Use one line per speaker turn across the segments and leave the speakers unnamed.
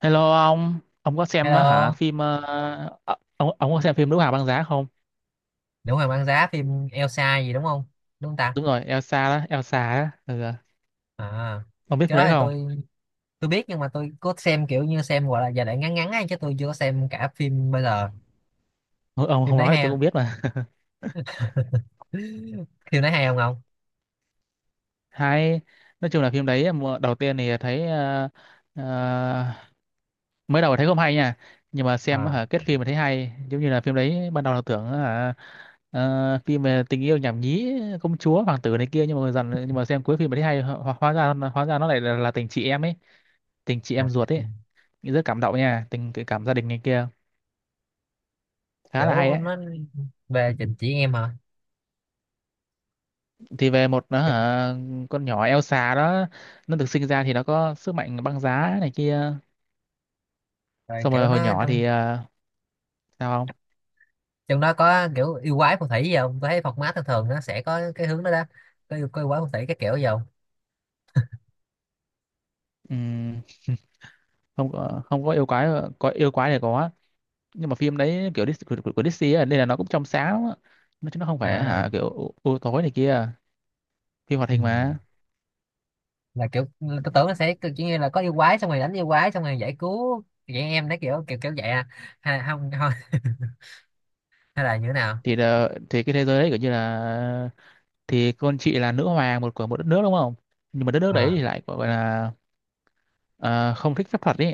Hello ông có xem á hả
Hello.
phim ông có xem phim Nữ Hoàng Băng Giá không?
Nữ Hoàng băng giá phim Elsa gì đúng không? Đúng không ta?
Đúng rồi, Elsa đó, Elsa á, ừ,
À,
ông biết phim
cái đó
đấy
thì
không?
tôi biết nhưng mà tôi có xem kiểu như xem gọi là giai đoạn ngắn ngắn ấy chứ tôi chưa có xem cả phim bây giờ.
Ông
Phim
không
đấy
nói thì
hay
tôi
không?
cũng biết mà.
Phim đấy hay không không?
Hay, nói chung là phim đấy mùa đầu tiên thì thấy ờ, mới đầu thấy không hay nha, nhưng mà xem
À,
á hả kết phim mà thấy hay, giống như là phim đấy ban đầu là tưởng á hả phim về tình yêu nhảm nhí công chúa hoàng tử này kia nhưng mà dần nhưng mà xem cuối phim mà thấy hay ho, hóa ra nó lại là tình chị em ấy, tình chị
à,
em ruột ấy. Rất cảm động nha, tình cái cảm gia đình này kia khá là hay
kiểu
ấy.
nó về trình chỉ em hả?
Thì về một nó
Kiểu,
hả, con nhỏ Elsa đó, nó được sinh ra thì nó có sức mạnh băng giá này kia.
rồi
Xong
kiểu
rồi hồi
nó
nhỏ
trong
thì sao không.
trong đó có kiểu yêu quái phù thủy gì không? Tôi thấy format thường thường nó sẽ có cái hướng đó đó. Có yêu quái phù thủy cái kiểu gì không?
Ừm, không có yêu quái, có yêu quái thì có, nhưng mà phim đấy kiểu của Disney ấy, nên là nó cũng trong sáng lắm á. Nó chứ nó không phải
À.
hả kiểu u tối này kia, phim hoạt
Ừ.
hình mà.
Là kiểu tôi tưởng nó sẽ kiểu như là có yêu quái xong rồi đánh yêu quái xong rồi giải cứu vậy em đấy kiểu kiểu kiểu vậy à, hay là không thôi. Hay là như thế nào?
Thì là, thì cái thế giới đấy kiểu như là, thì con chị là nữ hoàng một của một đất nước đúng không, nhưng mà đất nước đấy
Ờ,
thì lại gọi là ờ, không thích phép thuật ý.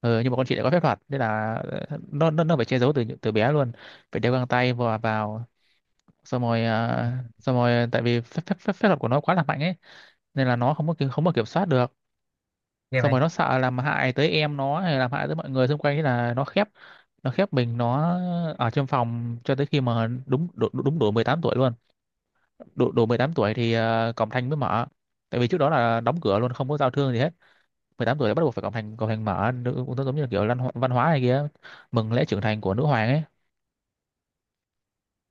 Ừ, nhưng mà con chị lại có phép thuật nên là nó phải che giấu từ từ bé luôn, phải đeo găng tay vào vào. Xong rồi xong rồi tại vì phép phép phép phép thuật của nó quá là mạnh ấy, nên là nó không có không có kiểm soát được.
ghê
Xong
vậy.
rồi nó sợ làm hại tới em nó hay làm hại tới mọi người xung quanh, thế là nó khép, nó khép mình nó ở trong phòng cho tới khi mà đúng đủ, đủ- đúng đủ 18 tuổi luôn. Đủ đủ 18 tuổi thì cổng thành mới mở, tại vì trước đó là đóng cửa luôn không có giao thương gì hết. Mười tám tuổi đã bắt buộc phải cổng thành mở nữ, cũng giống như là kiểu lan, văn hóa này kia, mừng lễ trưởng thành của nữ hoàng ấy.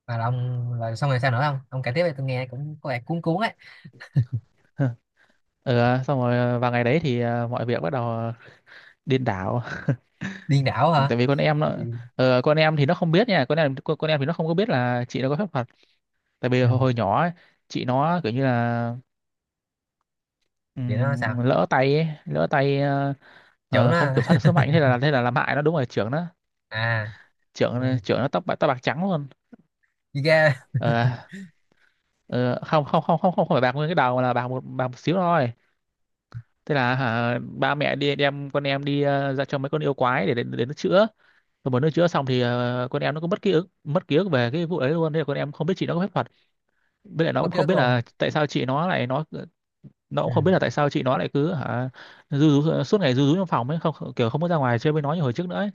Và là ông là xong rồi sao nữa? Không, ông kể tiếp đi, tôi nghe cũng có vẻ cuốn cuốn ấy.
Ừ, xong rồi vào ngày đấy thì mọi việc bắt đầu điên đảo.
Điên đảo hả?
Tại vì con em nó
Ừ.
con em thì nó không biết nha, con em thì nó không có biết là chị nó có phép thuật. Tại vì
Ừ.
hồi nhỏ ấy, chị nó kiểu như là
Vậy nó sao?
lỡ tay ấy, lỡ tay
Trưởng nó
không kiểm
hả?
soát được sức mạnh, thế là làm hại nó đúng rồi, trưởng nó.
À. Ừ.
Trưởng trưởng nó tóc bạc, tóc bạc trắng luôn.
Đi ra.
Ờ, ờ, không không không không không phải bạc nguyên cái đầu mà là bạc một, bạc một xíu thôi. Thế là hả, ba mẹ đi đem con em đi ra cho mấy con yêu quái để đến nó chữa, rồi mà nó chữa xong thì con em nó cũng mất ký ức, mất ký ức về cái vụ ấy luôn. Thế là con em không biết chị nó có phép thuật, với lại nó cũng
Mất ký
không
ức
biết
luôn.
là tại sao chị nó lại nó
Ừ.
cũng không biết là tại sao chị nó lại cứ hả ru rú, suốt ngày ru rú trong phòng ấy, không không- kiểu không muốn ra ngoài chơi với nó như hồi trước nữa ấy.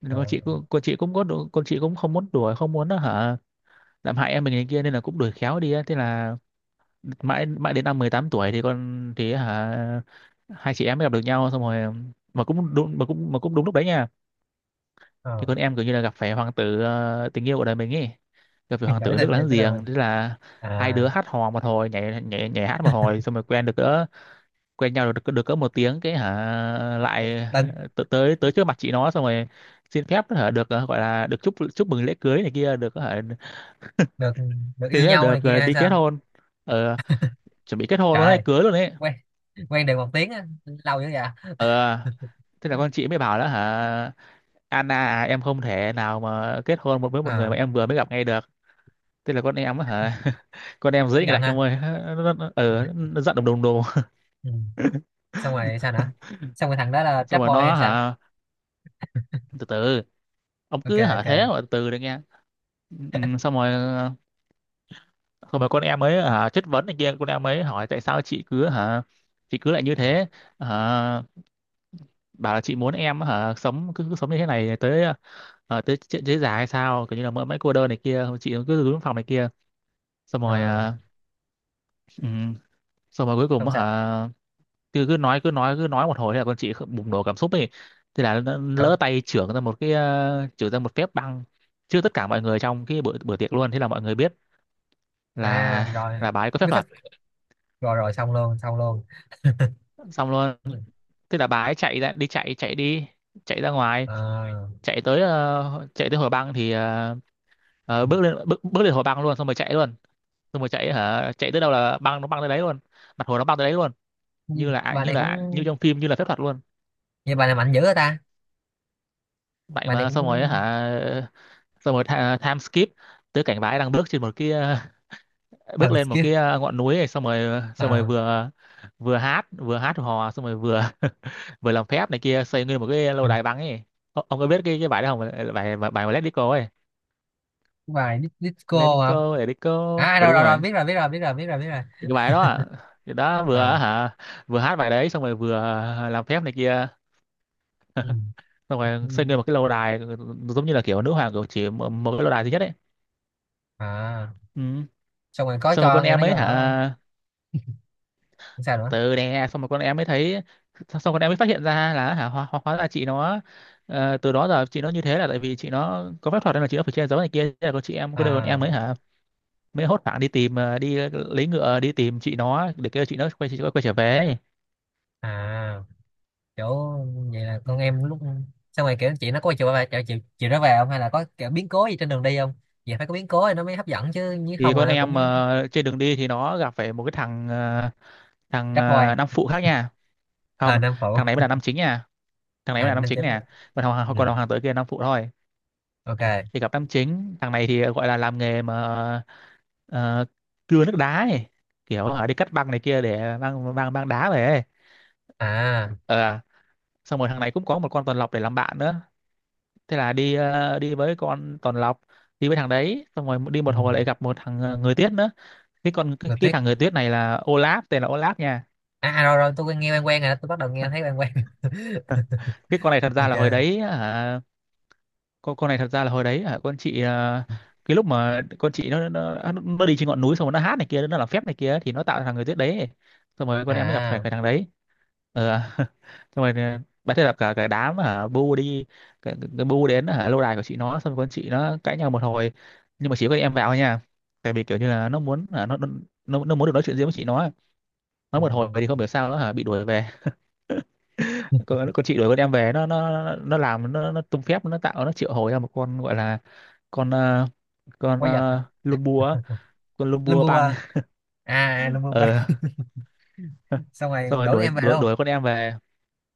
Nên
Ờ.
con chị cũng không muốn đuổi, không muốn hả làm hại em mình này kia, nên là cũng đuổi khéo đi ấy. Thế là mãi mãi đến năm 18 tuổi thì con thì hả hai chị em mới gặp được nhau. Xong rồi mà cũng đúng mà cũng đúng lúc đấy nha,
Ờ,
thì con em kiểu như là gặp phải hoàng tử tình yêu của đời mình ấy, gặp phải
hiện
hoàng
tại cái
tử nước
tình yêu
láng
cái đời mình.
giềng. Thế là hai đứa
À.
hát hò một hồi, nhảy nhảy nhảy hát một hồi, xong rồi quen được cỡ, quen nhau được được cỡ một tiếng cái hả,
một-
lại
một tình.
tới, tới trước mặt chị nó, xong rồi xin phép hả được gọi là được chúc, chúc mừng lễ cưới này kia, được hả,
Được được
thì
yêu nhau
được
này kia hay
đi kết
sao?
hôn, ờ, chuẩn bị kết hôn
Trời
luôn đấy,
ơi.
cưới luôn đấy.
Quen quen được một tiếng á, lâu dữ vậy.
Ờ, thế là con chị mới bảo đó hả, Anna à, em không thể nào mà kết hôn một với một người
Ờ.
mà em vừa mới gặp ngay được. Thế là con em á hả con em dễ
Giận
ngạch
ha.
ông ơi, ừ, nó giận đùng đùng đùng.
Ừ. Xong rồi sao nữa? Xong rồi thằng đó là
Xong
trap
rồi
boy
nó
hay sao?
hả từ từ, ông
Ok,
cứ hả
ok.
thế mà từ từ được nghe. Ừ, xong rồi xong rồi con em mới hả chất vấn này kia, con em mới hỏi tại sao chị cứ hả, chị cứ lại như thế hả, bảo là chị muốn em hả cứ sống như thế này tới tới chết- tới già hay sao, kiểu như là mãi mãi cô đơn này kia, chị cứ đứng phòng này kia. Xong rồi
Ờ.
ừ. Xong rồi cuối cùng
Xong
á
sao?
hả cứ cứ nói cứ nói cứ nói một hồi, thế là con chị bùng nổ cảm xúc ấy. Thế là nó
Ừ.
lỡ tay chưởng ra một cái chưởng ra một phép băng trước tất cả mọi người trong cái bữa bữa tiệc luôn. Thế là mọi người biết
À
là
rồi,
bà ấy có phép
biết pháp.
thuật,
Rồi rồi, xong luôn, xong luôn.
xong luôn. Thế là bà ấy chạy ra đi, chạy chạy đi, chạy ra ngoài,
À.
chạy tới chạy tới hồ băng thì bước lên hồ băng luôn, xong rồi chạy luôn. Xong rồi chạy hả, chạy tới đâu là băng nó băng tới đấy luôn, mặt hồ nó băng tới đấy luôn,
như
như là
bà
như
này cũng
là như trong phim, như là phép thuật luôn.
Như bà này mạnh dữ hả ta.
Mạnh
Bà này
mà,
cũng
xong rồi á hả xong rồi time skip tới cảnh bà ấy đang bước trên một cái bước
thần
lên một
skill.
cái ngọn núi này, xong rồi xong rồi
À,
vừa vừa hát, vừa hát hò xong rồi vừa vừa làm phép này kia, xây nguyên một cái lâu đài băng ấy. Ông có biết cái bài đó không? Ờ, bài bài, bài mà Let It Go ấy,
bài dis-
Let
disco
It
hả?
Go, Let It Go.
À
Ừ
rồi
đúng
rồi rồi
rồi,
biết rồi, biết rồi, biết rồi, biết rồi, biết rồi.
thì cái bài đó ạ, thì đó vừa á
Ờ.
hả vừa hát bài đấy, xong rồi vừa làm phép này kia,
Ừ.
xong
Ừ.
rồi xây nguyên một cái lâu đài, ừ, giống như là kiểu nữ hoàng, kiểu chỉ một, một cái lâu đài duy nhất ấy.
À,
Ừ.
xong rồi có
Xong rồi
cho
con
em
em
nó
ấy
vô
hả
ở? Không sao nữa?
từ đè xong rồi con em mới thấy, xong rồi con em mới phát hiện ra là hả hóa ra chị nó từ đó giờ chị nó như thế là tại vì chị nó có phép thuật nên là chị nó phải che giấu này kia. Thế là con chị em có đứa con em
À.
mới hả, mới hốt hoảng đi tìm, đi lấy ngựa đi tìm chị nó để kêu chị nó quay, chị quay trở về ấy.
À, kiểu vậy là
Ừ.
con em lúc. Xong rồi kiểu chị nó có chiều bà chịu chịu chịu nó về không, hay là có kiểu biến cố gì trên đường đi không? Vậy phải có biến cố thì nó mới hấp dẫn, chứ nếu
Thì
không
con
là nó cũng.
em trên đường đi thì nó gặp phải một cái thằng
Trap boy.
nam phụ khác nha.
À,
Không,
nam phụ.
thằng này mới là nam chính nha, thằng này mới
À,
là nam
nam
chính
chính.
nè, còn thằng
Ừ.
còn thằng tử kia là nam phụ thôi.
Ok.
Thì gặp nam chính, thằng này thì gọi là làm nghề mà ờ, cưa nước đá ấy, kiểu ở đi cắt băng này kia để mang mang mang đá về ấy.
À.
Ờ, Xong rồi thằng này cũng có một con tuần lộc để làm bạn nữa. Thế là đi đi với con tuần lộc, đi với thằng đấy, xong rồi đi
Ừ.
một hồi lại gặp một thằng người tuyết nữa. cái con cái,
Người
cái
tuyết.
thằng người tuyết này là Olaf, tên là Olaf nha.
À, à rồi rồi tôi nghe quen quen rồi đó. Tôi bắt đầu nghe thấy quen quen.
Ờ, cái con này thật ra là hồi
Ok.
đấy hả, con này thật ra là hồi đấy hả, con chị à, cái lúc mà con chị nó đi trên ngọn núi, xong rồi nó hát này kia, nó làm phép này kia, thì nó tạo ra thằng người tuyết đấy. Xong rồi con em mới gặp phải cái
À.
thằng đấy. Xong rồi bà, thế là cả cả đám hả bu đi. Cái bu đến hả lâu đài của chị nó, xong rồi con chị nó cãi nhau một hồi. Nhưng mà chỉ có em vào thôi nha, tại vì kiểu như là nó muốn hả, nó nó muốn được nói chuyện riêng với chị nó ấy. Nói một hồi
À,
thì không hiểu sao nó hả bị đuổi về. Con chị đuổi con em về. Nó Nó làm, nó tung phép, nó tạo, nó triệu hồi ra một con gọi là con ờ,
quái vật.
lùm bùa á, con lùm
Lâm
bùa
vua
băng.
à. À, lâm vua bay.
ờ
Xong rồi
Xong rồi
đuổi
đuổi
em về
đuổi
luôn.
đuổi con em về.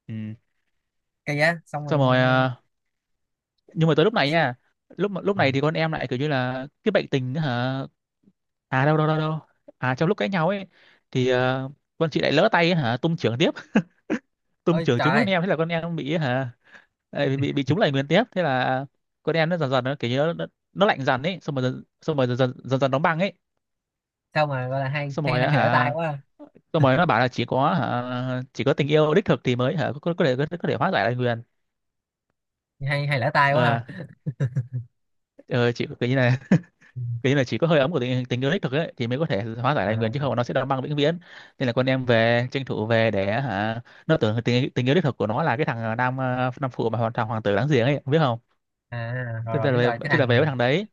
Ừ.
Cây giá xong rồi.
Xong rồi nhưng mà tới lúc này nha, lúc
Ừ.
này thì con em lại kiểu như là cái bệnh tình á hả. À, đâu đâu đâu đâu, à, trong lúc cãi nhau ấy thì con chị lại lỡ tay á hả tung chưởng tiếp, tôm
Ôi
trưởng
trời
trúng con
ơi.
em, thế là con em bị hả. Ấy, bị trúng lại nguyên tiếp, thế là con em nó dần dần, nó kiểu như nó lạnh dần ấy, xong rồi dần dần đóng băng ấy.
Sao mà gọi là hay,
xong
hay
rồi
là
á
hay lỡ tay
hả
quá à.
Xong rồi nó bảo là chỉ có tình yêu đích thực thì mới hả có thể có thể hóa giải lại nguyền.
Hay hay lỡ tay quá
ờ
ha.
ờ, chỉ cái như này, cái như là chỉ có hơi ấm của tình yêu đích thực ấy thì mới có thể hóa giải lại nguyền, chứ
À,
không nó sẽ đóng băng vĩnh viễn. Nên là con em về, tranh thủ về để hả, nó tưởng tình yêu đích thực của nó là cái thằng nam phụ, mà hoàng tử láng giềng ấy, biết không.
à rồi rồi biết rồi, cái
Thế là về
thằng.
với thằng đấy.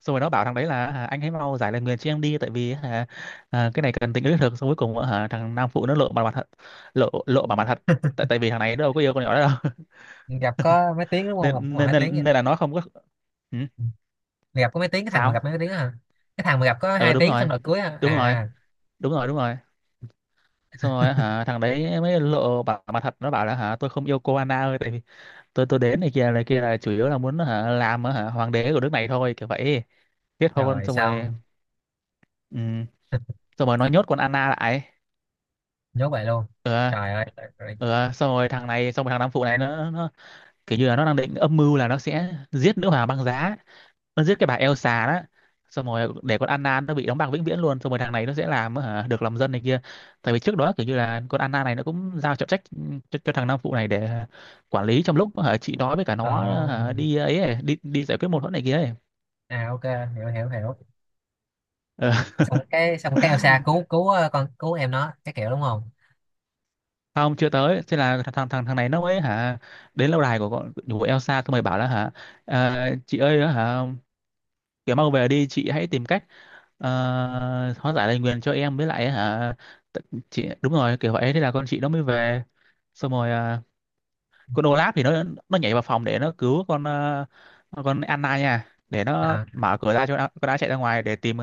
Xong rồi nó bảo thằng đấy là, anh hãy mau giải lời nguyền cho em đi, tại vì hả, cái này cần tính đến thực. Xong cuối cùng hả, thằng nam phụ nó lộ mặt mặt thật, lộ lộ mặt mặt thật. Tại tại vì thằng này nó đâu có yêu con nhỏ đó đâu.
Gặp có mấy tiếng đúng không, gặp cũng
nên
một
nên
hai tiếng vậy
nên,
đó.
nên là nó không có. Ừ,
Ừ. Gặp có mấy tiếng, cái thằng mà gặp
sao.
mấy tiếng đó hả? Cái thằng mà gặp có
Ờ
hai
Đúng
tiếng xong
rồi,
rồi cưới hả
đúng rồi,
à?
đúng rồi, đúng rồi. Xong rồi hả thằng đấy mới lộ bảo mặt thật, nó bảo là hả, tôi không yêu cô, Anna ơi, tại vì tôi đến này kia là chủ yếu là muốn hả, làm hả, hoàng đế của nước này thôi, kiểu vậy. Kết hôn
Rồi
xong rồi.
xong.
Ừ, xong rồi nó nhốt con Anna lại.
Nhốt vậy luôn?
ờ
Trời ơi, trời ơi.
Xong rồi thằng Nam Phụ này nó kiểu như là nó đang định âm mưu là nó sẽ giết nữ hoàng băng giá. Nó giết cái bà Elsa đó, xong rồi để con Anna nó bị đóng băng vĩnh viễn luôn, xong rồi thằng này nó sẽ làm hả, được lòng dân này kia. Tại vì trước đó kiểu như là con Anna này nó cũng giao trọng trách cho thằng Nam Phụ này để quản lý, trong lúc hả, chị nói với cả
Ờ.
nó hả, đi ấy, ấy đi đi giải quyết mâu thuẫn này kia ấy.
À, ok. Hiểu hiểu hiểu.
Ờ,
Xong cái Elsa cứu cứu con cứu em nó cái kiểu đúng không?
Không, chưa tới, thế là thằng thằng thằng này nó mới hả đến lâu đài của con của Elsa, xong rồi bảo là hả, "Ờ, chị ơi hả, kiểu mang về đi, chị hãy tìm cách ờ, hóa giải lời nguyền cho em với lại hả, chị, đúng rồi kiểu vậy. Thế là con chị nó mới về. Xong rồi con Olaf thì nó nhảy vào phòng để nó cứu con Anna nha, để nó
À.
mở cửa ra cho con đã chạy ra ngoài để tìm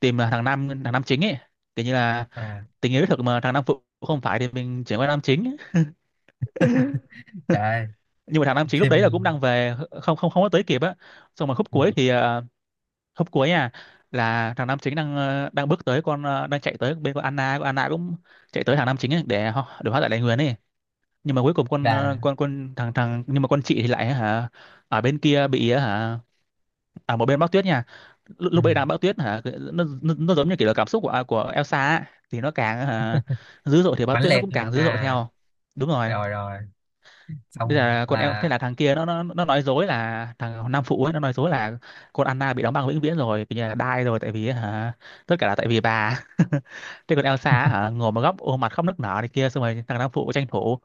tìm thằng nam chính ấy. Kiểu như là
À.
tình yêu đích thực mà thằng nam phụ không phải thì mình chuyển qua nam chính.
Trời ơi.
Nhưng mà thằng nam chính lúc
Phim
đấy là cũng đang về, không không, không có tới kịp á. Xong mà khúc cuối thì hôm cuối nha, là thằng nam chính đang bước tới con ờ, đang chạy tới bên con Anna, con Anna cũng chạy tới thằng nam chính ấy, để họ để hóa giải đại nguyền ấy. Nhưng mà cuối cùng con ờ,
là
con thằng thằng nhưng mà con chị thì lại hả ở bên kia bị hả, ở một bên bão tuyết nha. lúc,
ừ,
lúc ấy đang bão tuyết hả, nó giống như kiểu là cảm xúc của của Elsa ấy. Thì nó càng hả dữ dội thì bão
mãnh
tuyết nó
liệt.
cũng càng dữ dội
À
theo. Đúng rồi.
rồi rồi,
Bây
xong
là con em,
là
thế là thằng kia nó nói dối, là thằng Nam Phụ ấy nó nói dối là con Anna bị đóng băng vĩnh viễn rồi, kiểu như là die rồi, tại vì hả tất cả là tại vì bà. Thế còn Elsa á hả ngồi một góc ôm mặt khóc nức nở này kia, xong rồi thằng Nam Phụ tranh thủ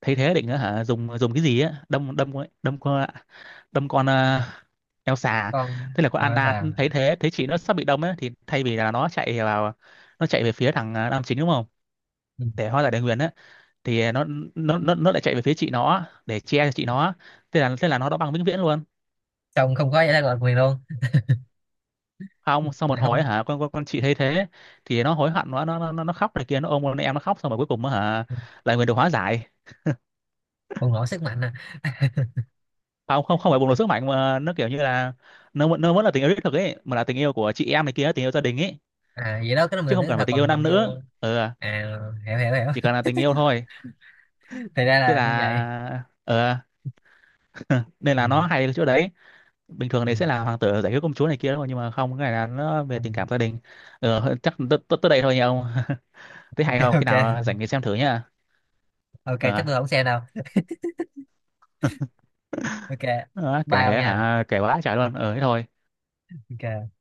thấy thế, định á hả dùng dùng cái gì á, đâm đâm con- ấy- đâm Elsa.
con
Thế là con
con
Anna
Elsa.
thấy thế, thấy chị nó sắp bị đâm ấy, thì thay vì là nó chạy vào, nó chạy về phía thằng nam chính đúng không,
Ừ.
để hóa giải đề nguyền á, thì nó lại chạy về phía chị nó á, để che cho chị nó á. Thế là nó đã băng vĩnh viễn luôn.
Xong không có giải thoát quyền luôn.
Không, sau
Mình
một hồi á
không?
hả, con chị thấy thế, thì nó hối hận, nó khóc này kia, nó ôm con em nó khóc, xong rồi cuối cùng á hả là người được hóa giải.
Bùng nổ sức mạnh à?
Không không, không phải bùng nổ sức mạnh, mà nó kiểu như là nó vẫn là tình yêu đích thực ấy, mà là tình yêu của chị em này kia, tình yêu gia đình ấy.
À, vậy đó, cái đó
Chứ
mình
không
thấy
cần phải
thật,
tình
còn
yêu
còn
nam
yêu.
nữ. Ừ,
À, hiểu hiểu
chỉ
hiểu.
cần là tình yêu thôi.
Thì ra
Thế
là như vậy.
là nên
Ừ.
là nó hay ở chỗ đấy. Bình
Ừ.
thường thì sẽ là hoàng tử giải cứu công chúa này kia đúng, nhưng mà không, cái này là nó về
Ừ.
tình cảm gia đình. Chắc tới tới tới đây thôi nha ông. Thấy hay
Ok,
không, khi
ok.
nào rảnh thì xem thử nha.
Ok, chắc
ờ,
tôi không xem đâu. Ok.
Đó,
Bye ông nha.
kể quá trời luôn, thế thôi.
Ok.